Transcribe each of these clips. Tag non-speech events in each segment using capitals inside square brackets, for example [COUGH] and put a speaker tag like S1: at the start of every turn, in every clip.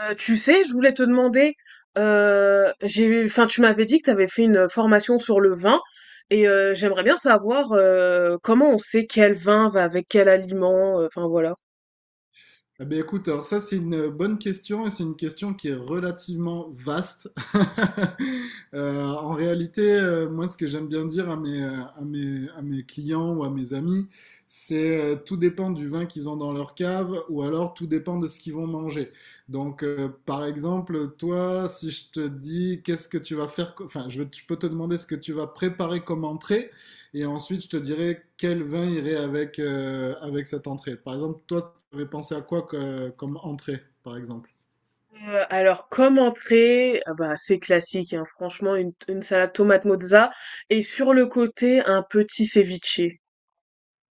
S1: Tu sais, je voulais te demander, j'ai, enfin, tu m'avais dit que tu avais fait une formation sur le vin et j'aimerais bien savoir comment on sait quel vin va avec quel aliment, enfin voilà.
S2: Eh ben, écoute, alors ça c'est une bonne question et c'est une question qui est relativement vaste. [LAUGHS] En réalité, moi ce que j'aime bien dire à mes, à mes clients ou à mes amis, c'est tout dépend du vin qu'ils ont dans leur cave ou alors tout dépend de ce qu'ils vont manger. Donc par exemple, toi, si je te dis qu'est-ce que tu vas faire, enfin je peux te demander ce que tu vas préparer comme entrée et ensuite je te dirai quel vin irait avec cette entrée. Par exemple, toi vous avez pensé à quoi comme entrée, par exemple?
S1: Alors, comme entrée, ah bah, c'est classique, hein, franchement, une salade tomate mozza et sur le côté, un petit ceviche.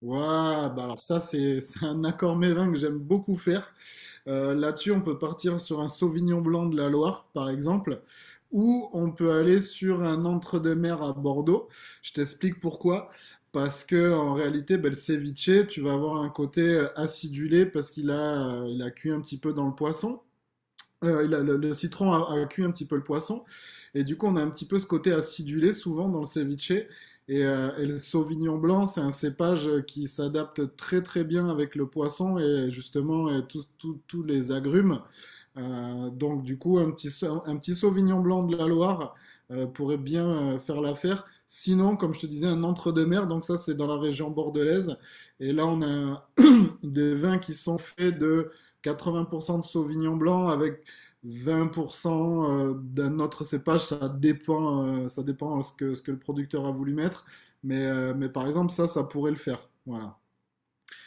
S2: Waouh, bah alors ça, c'est [LAUGHS] c'est un accord mévin que j'aime beaucoup faire. Là-dessus, on peut partir sur un Sauvignon blanc de la Loire, par exemple, ou on peut aller sur un entre-deux-mers à Bordeaux. Je t'explique pourquoi. Parce que en réalité, bah, le ceviche, tu vas avoir un côté acidulé parce qu'il a cuit un petit peu dans le poisson. Il le, citron a cuit un petit peu le poisson. Et du coup, on a un petit peu ce côté acidulé souvent dans le ceviche. Et le sauvignon blanc, c'est un cépage qui s'adapte très très bien avec le poisson et justement et tous les agrumes. Donc du coup, un petit Sauvignon blanc de la Loire pourrait bien faire l'affaire. Sinon, comme je te disais, un entre-deux-mer, donc ça c'est dans la région bordelaise. Et là, on a [CLEARS THROAT] des vins qui sont faits de 80% de Sauvignon blanc avec 20% d'un autre cépage. Ça dépend ce que le producteur a voulu mettre. Mais par exemple, ça pourrait le faire. Voilà.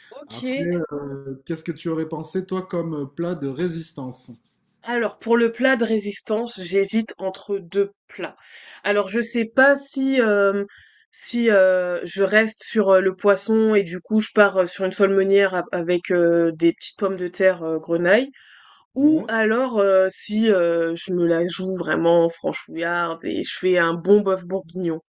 S1: Ok.
S2: Après, qu'est-ce que tu aurais pensé, toi, comme plat de résistance?
S1: Alors pour le plat de résistance, j'hésite entre 2 plats. Alors je sais pas si, si, je reste sur, le poisson et du coup je pars, sur une seule meunière av avec, des petites pommes de terre, grenaille ou alors, si, je me la joue vraiment franchouillarde et je fais un bon bœuf bourguignon.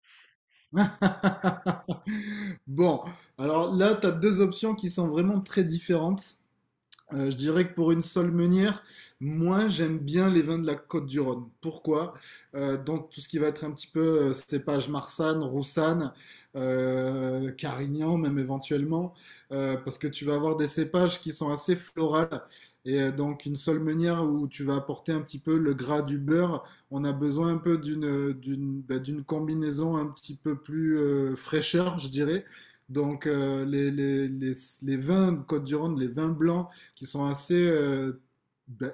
S2: [LAUGHS] Bon, alors là, tu as deux options qui sont vraiment très différentes. Je dirais que pour une seule meunière, moi j'aime bien les vins de la Côte du Rhône. Pourquoi? Dans tout ce qui va être un petit peu cépage Marsanne, Roussanne, Carignan même éventuellement, parce que tu vas avoir des cépages qui sont assez florales. Et donc une seule meunière où tu vas apporter un petit peu le gras du beurre, on a besoin un peu d'une combinaison un petit peu plus fraîcheur, je dirais. Donc les vins de Côte-du-Rhône, les vins blancs, qui sont assez ben,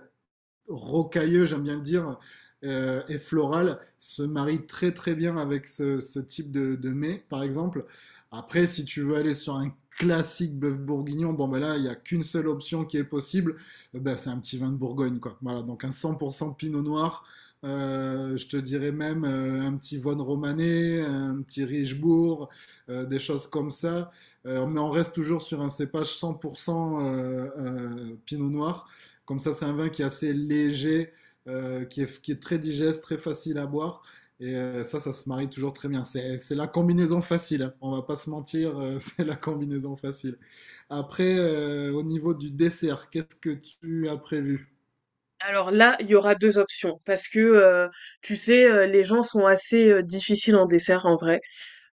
S2: rocailleux, j'aime bien le dire, et floral se marie très très bien avec ce type de mets, par exemple. Après, si tu veux aller sur un classique bœuf bourguignon, bon ben là, il n'y a qu'une seule option qui est possible, ben, c'est un petit vin de Bourgogne, quoi. Voilà, donc un 100% pinot noir. Je te dirais même un petit Von Romané, un petit Richebourg, des choses comme ça. Mais on reste toujours sur un cépage 100% Pinot Noir. Comme ça, c'est un vin qui est assez léger, qui est très digeste, très facile à boire. Et ça se marie toujours très bien. C'est la combinaison facile. Hein. On va pas se mentir, [LAUGHS] c'est la combinaison facile. Après, au niveau du dessert, qu'est-ce que tu as prévu?
S1: Alors là, il y aura 2 options parce que, tu sais, les gens sont assez, difficiles en dessert en vrai.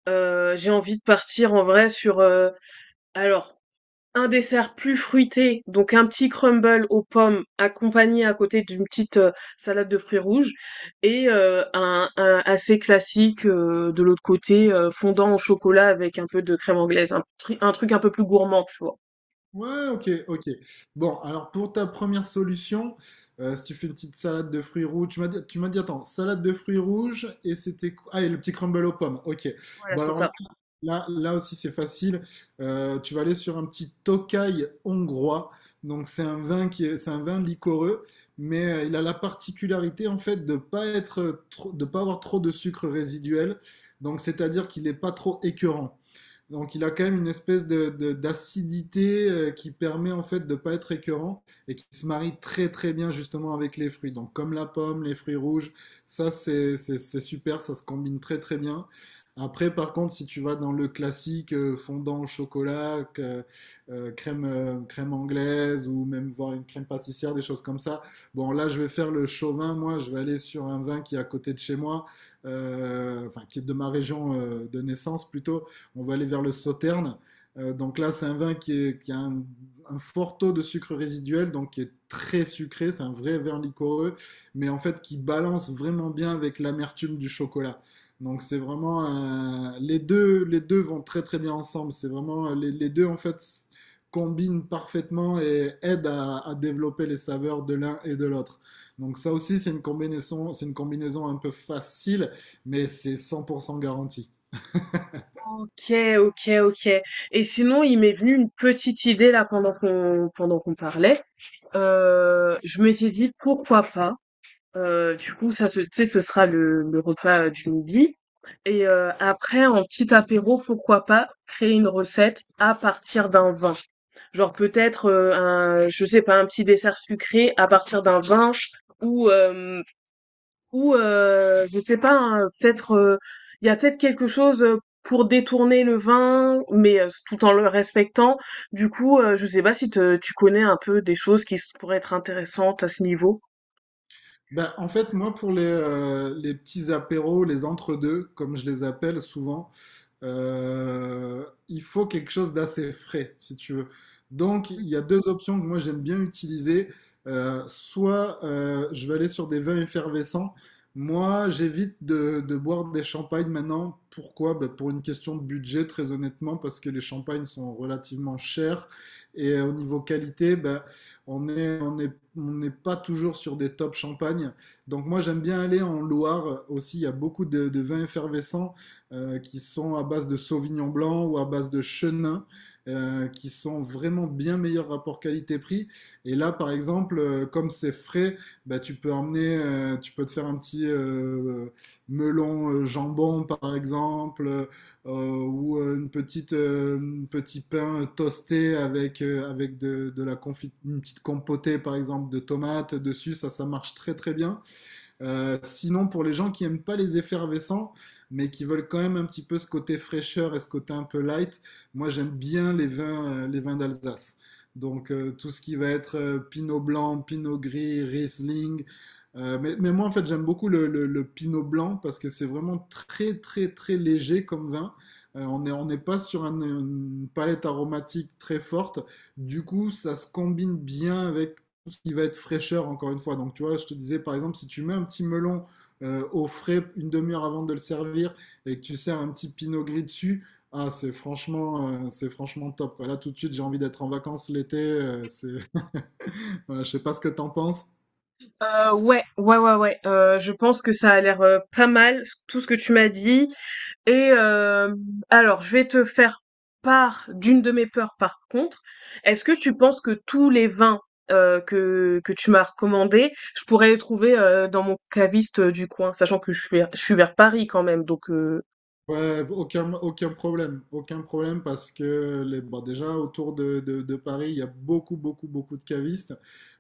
S1: J'ai envie de partir en vrai sur, alors un dessert plus fruité, donc un petit crumble aux pommes accompagné à côté d'une petite salade de fruits rouges et un assez classique de l'autre côté fondant au chocolat avec un peu de crème anglaise, un truc un peu plus gourmand, tu vois.
S2: Ouais, ok, ok. Bon, alors pour ta première solution, si tu fais une petite salade de fruits rouges, tu m'as dit, attends, salade de fruits rouges et c'était quoi? Ah, et le petit crumble aux pommes, ok.
S1: Voilà,
S2: Bon,
S1: c'est
S2: alors là,
S1: ça.
S2: là aussi c'est facile. Tu vas aller sur un petit Tokay hongrois. Donc c'est un vin liquoreux, mais il a la particularité en fait de pas être, de pas avoir trop de sucre résiduel. Donc c'est-à-dire qu'il n'est pas trop écœurant. Donc il a quand même une espèce d'acidité qui permet en fait de pas être écœurant et qui se marie très très bien justement avec les fruits. Donc comme la pomme, les fruits rouges, ça c'est super, ça se combine très très bien. Après par contre si tu vas dans le classique fondant au chocolat, crème anglaise ou même voir une crème pâtissière, des choses comme ça, bon là je vais faire le chauvin, moi je vais aller sur un vin qui est à côté de chez moi, enfin qui est de ma région de naissance plutôt on va aller vers le sauterne. Donc là, c'est un vin qui a un fort taux de sucre résiduel, donc qui est très sucré. C'est un vrai vin liquoreux, mais en fait qui balance vraiment bien avec l'amertume du chocolat. Donc c'est vraiment les deux vont très très bien ensemble. C'est vraiment les deux en fait combinent parfaitement et aident à développer les saveurs de l'un et de l'autre. Donc ça aussi, c'est une combinaison un peu facile, mais c'est 100% garanti.
S1: Ok, ok, ok. Et sinon, il m'est venu une petite idée là pendant qu'on parlait. Je m'étais dit pourquoi pas. Du coup, ça, ce tu sais, ce sera le repas, du midi et après en petit apéro, pourquoi pas créer une recette à partir d'un vin. Genre peut-être, un je sais pas, un petit dessert sucré à partir d'un vin ou ou je sais pas, hein, peut-être, il y a peut-être quelque chose, pour détourner le vin, mais tout en le respectant. Du coup, je sais pas si te tu connais un peu des choses qui s pourraient être intéressantes à ce niveau?
S2: Ben, en fait, moi, pour les petits apéros, les entre-deux, comme je les appelle souvent, il faut quelque chose d'assez frais, si tu veux. Donc, il y a deux options que moi j'aime bien utiliser. Soit je vais aller sur des vins effervescents. Moi, j'évite de boire des champagnes maintenant. Pourquoi? Ben, pour une question de budget, très honnêtement, parce que les champagnes sont relativement chers. Et au niveau qualité, ben, on n'est pas toujours sur des top champagnes. Donc moi, j'aime bien aller en Loire aussi. Il y a beaucoup de vins effervescents qui sont à base de Sauvignon blanc ou à base de Chenin, qui sont vraiment bien meilleurs rapport qualité-prix. Et là, par exemple, comme c'est frais, bah, tu peux te faire un petit melon jambon, par exemple. Ou une petite un petit pain toasté avec de la confit une petite compotée par exemple de tomates dessus ça marche très très bien sinon, pour les gens qui aiment pas les effervescents, mais qui veulent quand même un petit peu ce côté fraîcheur et ce côté un peu light, moi j'aime bien les vins d'Alsace. Donc tout ce qui va être Pinot blanc, Pinot gris, Riesling. Mais moi en fait j'aime beaucoup le Pinot blanc parce que c'est vraiment très très très léger comme vin. On n'est pas sur une palette aromatique très forte. Du coup ça se combine bien avec tout ce qui va être fraîcheur, encore une fois. Donc, tu vois, je te disais, par exemple, si tu mets un petit melon au frais une demi-heure avant de le servir et que tu sers un petit pinot gris dessus, ah, c'est franchement, top, quoi. Là, tout de suite, j'ai envie d'être en vacances l'été. [LAUGHS] Voilà, je sais pas ce que t'en penses.
S1: Ouais, ouais, ouais, ouais. Je pense que ça a l'air pas mal, tout ce que tu m'as dit. Et alors, je vais te faire part d'une de mes peurs par contre. Est-ce que tu penses que tous les vins que tu m'as recommandés, je pourrais les trouver dans mon caviste du coin, sachant que je suis vers Paris quand même. Donc,
S2: Ouais, aucun problème, parce que bon, déjà autour de Paris, il y a beaucoup, beaucoup, beaucoup de cavistes.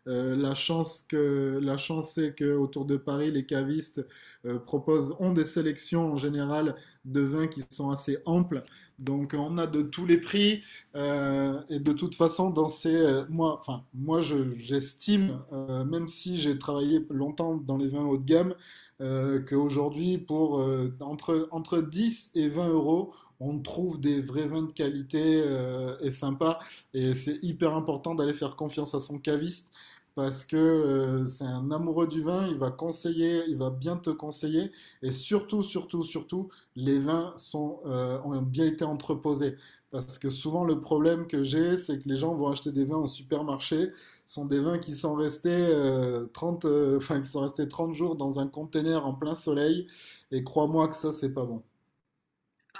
S2: La la chance c'est que autour de Paris, les cavistes ont des sélections en général de vins qui sont assez amples. Donc on a de tous les prix et de toute façon moi, enfin j'estime, même si j'ai travaillé longtemps dans les vins haut de gamme qu'aujourd'hui, pour entre 10 et 20 euros, on trouve des vrais vins de qualité et sympas. Et c'est hyper important d'aller faire confiance à son caviste parce que c'est un amoureux du vin, il va bien te conseiller, et surtout, surtout, surtout, les vins ont bien été entreposés. Parce que souvent, le problème que j'ai, c'est que les gens vont acheter des vins au supermarché, sont des vins qui sont restés, 30, enfin, qui sont restés 30 jours dans un container en plein soleil. Et crois-moi que ça, c'est pas bon.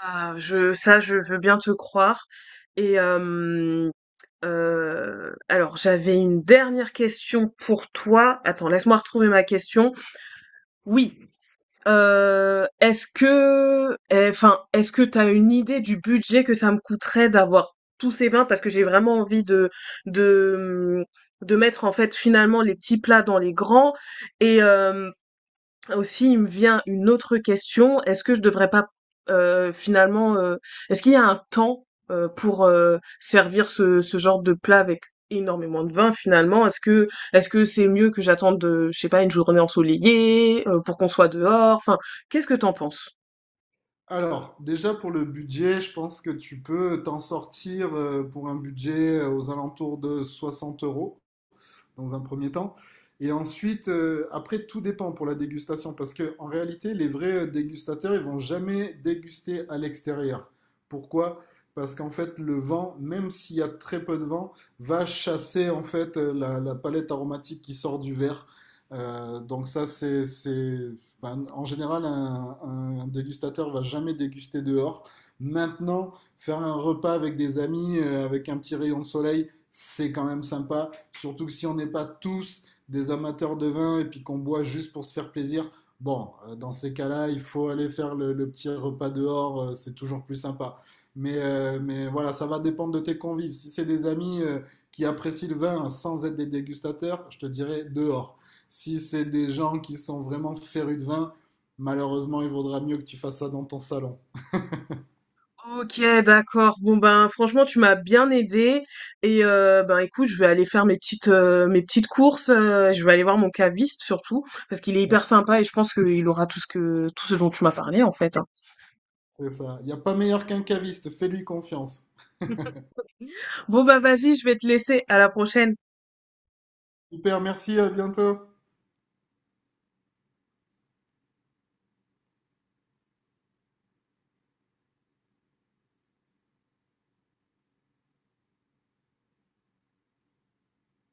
S1: ah, je veux bien te croire. Et alors, j'avais une dernière question pour toi. Attends, laisse-moi retrouver ma question. Oui. Est-ce que enfin, est-ce que t'as une idée du budget que ça me coûterait d'avoir tous ces vins? Parce que j'ai vraiment envie de, mmh, de mettre, en fait, finalement, les petits plats dans les grands et hem aussi, il me vient une autre question. Est-ce que je devrais pas finalement, est-ce qu'il y a un temps pour servir ce genre de plat avec énormément de vin finalement? Est-ce que c'est mieux que j'attende, je sais pas, une journée ensoleillée pour qu'on soit dehors? Enfin, qu'est-ce que t'en penses?
S2: Alors, déjà pour le budget, je pense que tu peux t'en sortir pour un budget aux alentours de 60 euros. Dans un premier temps. Et ensuite, après, tout dépend pour la dégustation, parce que en réalité, les vrais dégustateurs, ils vont jamais déguster à l'extérieur. Pourquoi? Parce qu'en fait, le vent, même s'il y a très peu de vent, va chasser en fait la palette aromatique qui sort du verre. Donc ça, c'est, ben, en général, un dégustateur va jamais déguster dehors. Maintenant, faire un repas avec des amis, avec un petit rayon de soleil, c'est quand même sympa. Surtout que si on n'est pas tous des amateurs de vin et puis qu'on boit juste pour se faire plaisir, bon, dans ces cas-là, il faut aller faire le petit repas dehors, c'est toujours plus sympa. Mais voilà, ça va dépendre de tes convives. Si c'est des amis qui apprécient le vin sans être des dégustateurs, je te dirais dehors. Si c'est des gens qui sont vraiment férus de vin, malheureusement, il vaudra mieux que tu fasses ça dans ton salon.
S1: Ok, d'accord. Bon ben franchement tu m'as bien aidé et ben écoute je vais aller faire mes petites courses. Je vais aller voir mon caviste surtout parce qu'il est hyper sympa et je pense qu'il aura tout ce dont tu m'as parlé en fait, hein.
S2: C'est ça. Il n'y a pas meilleur qu'un caviste, fais-lui confiance.
S1: Bon ben vas-y je vais te laisser. À la prochaine.
S2: Super, merci, à bientôt.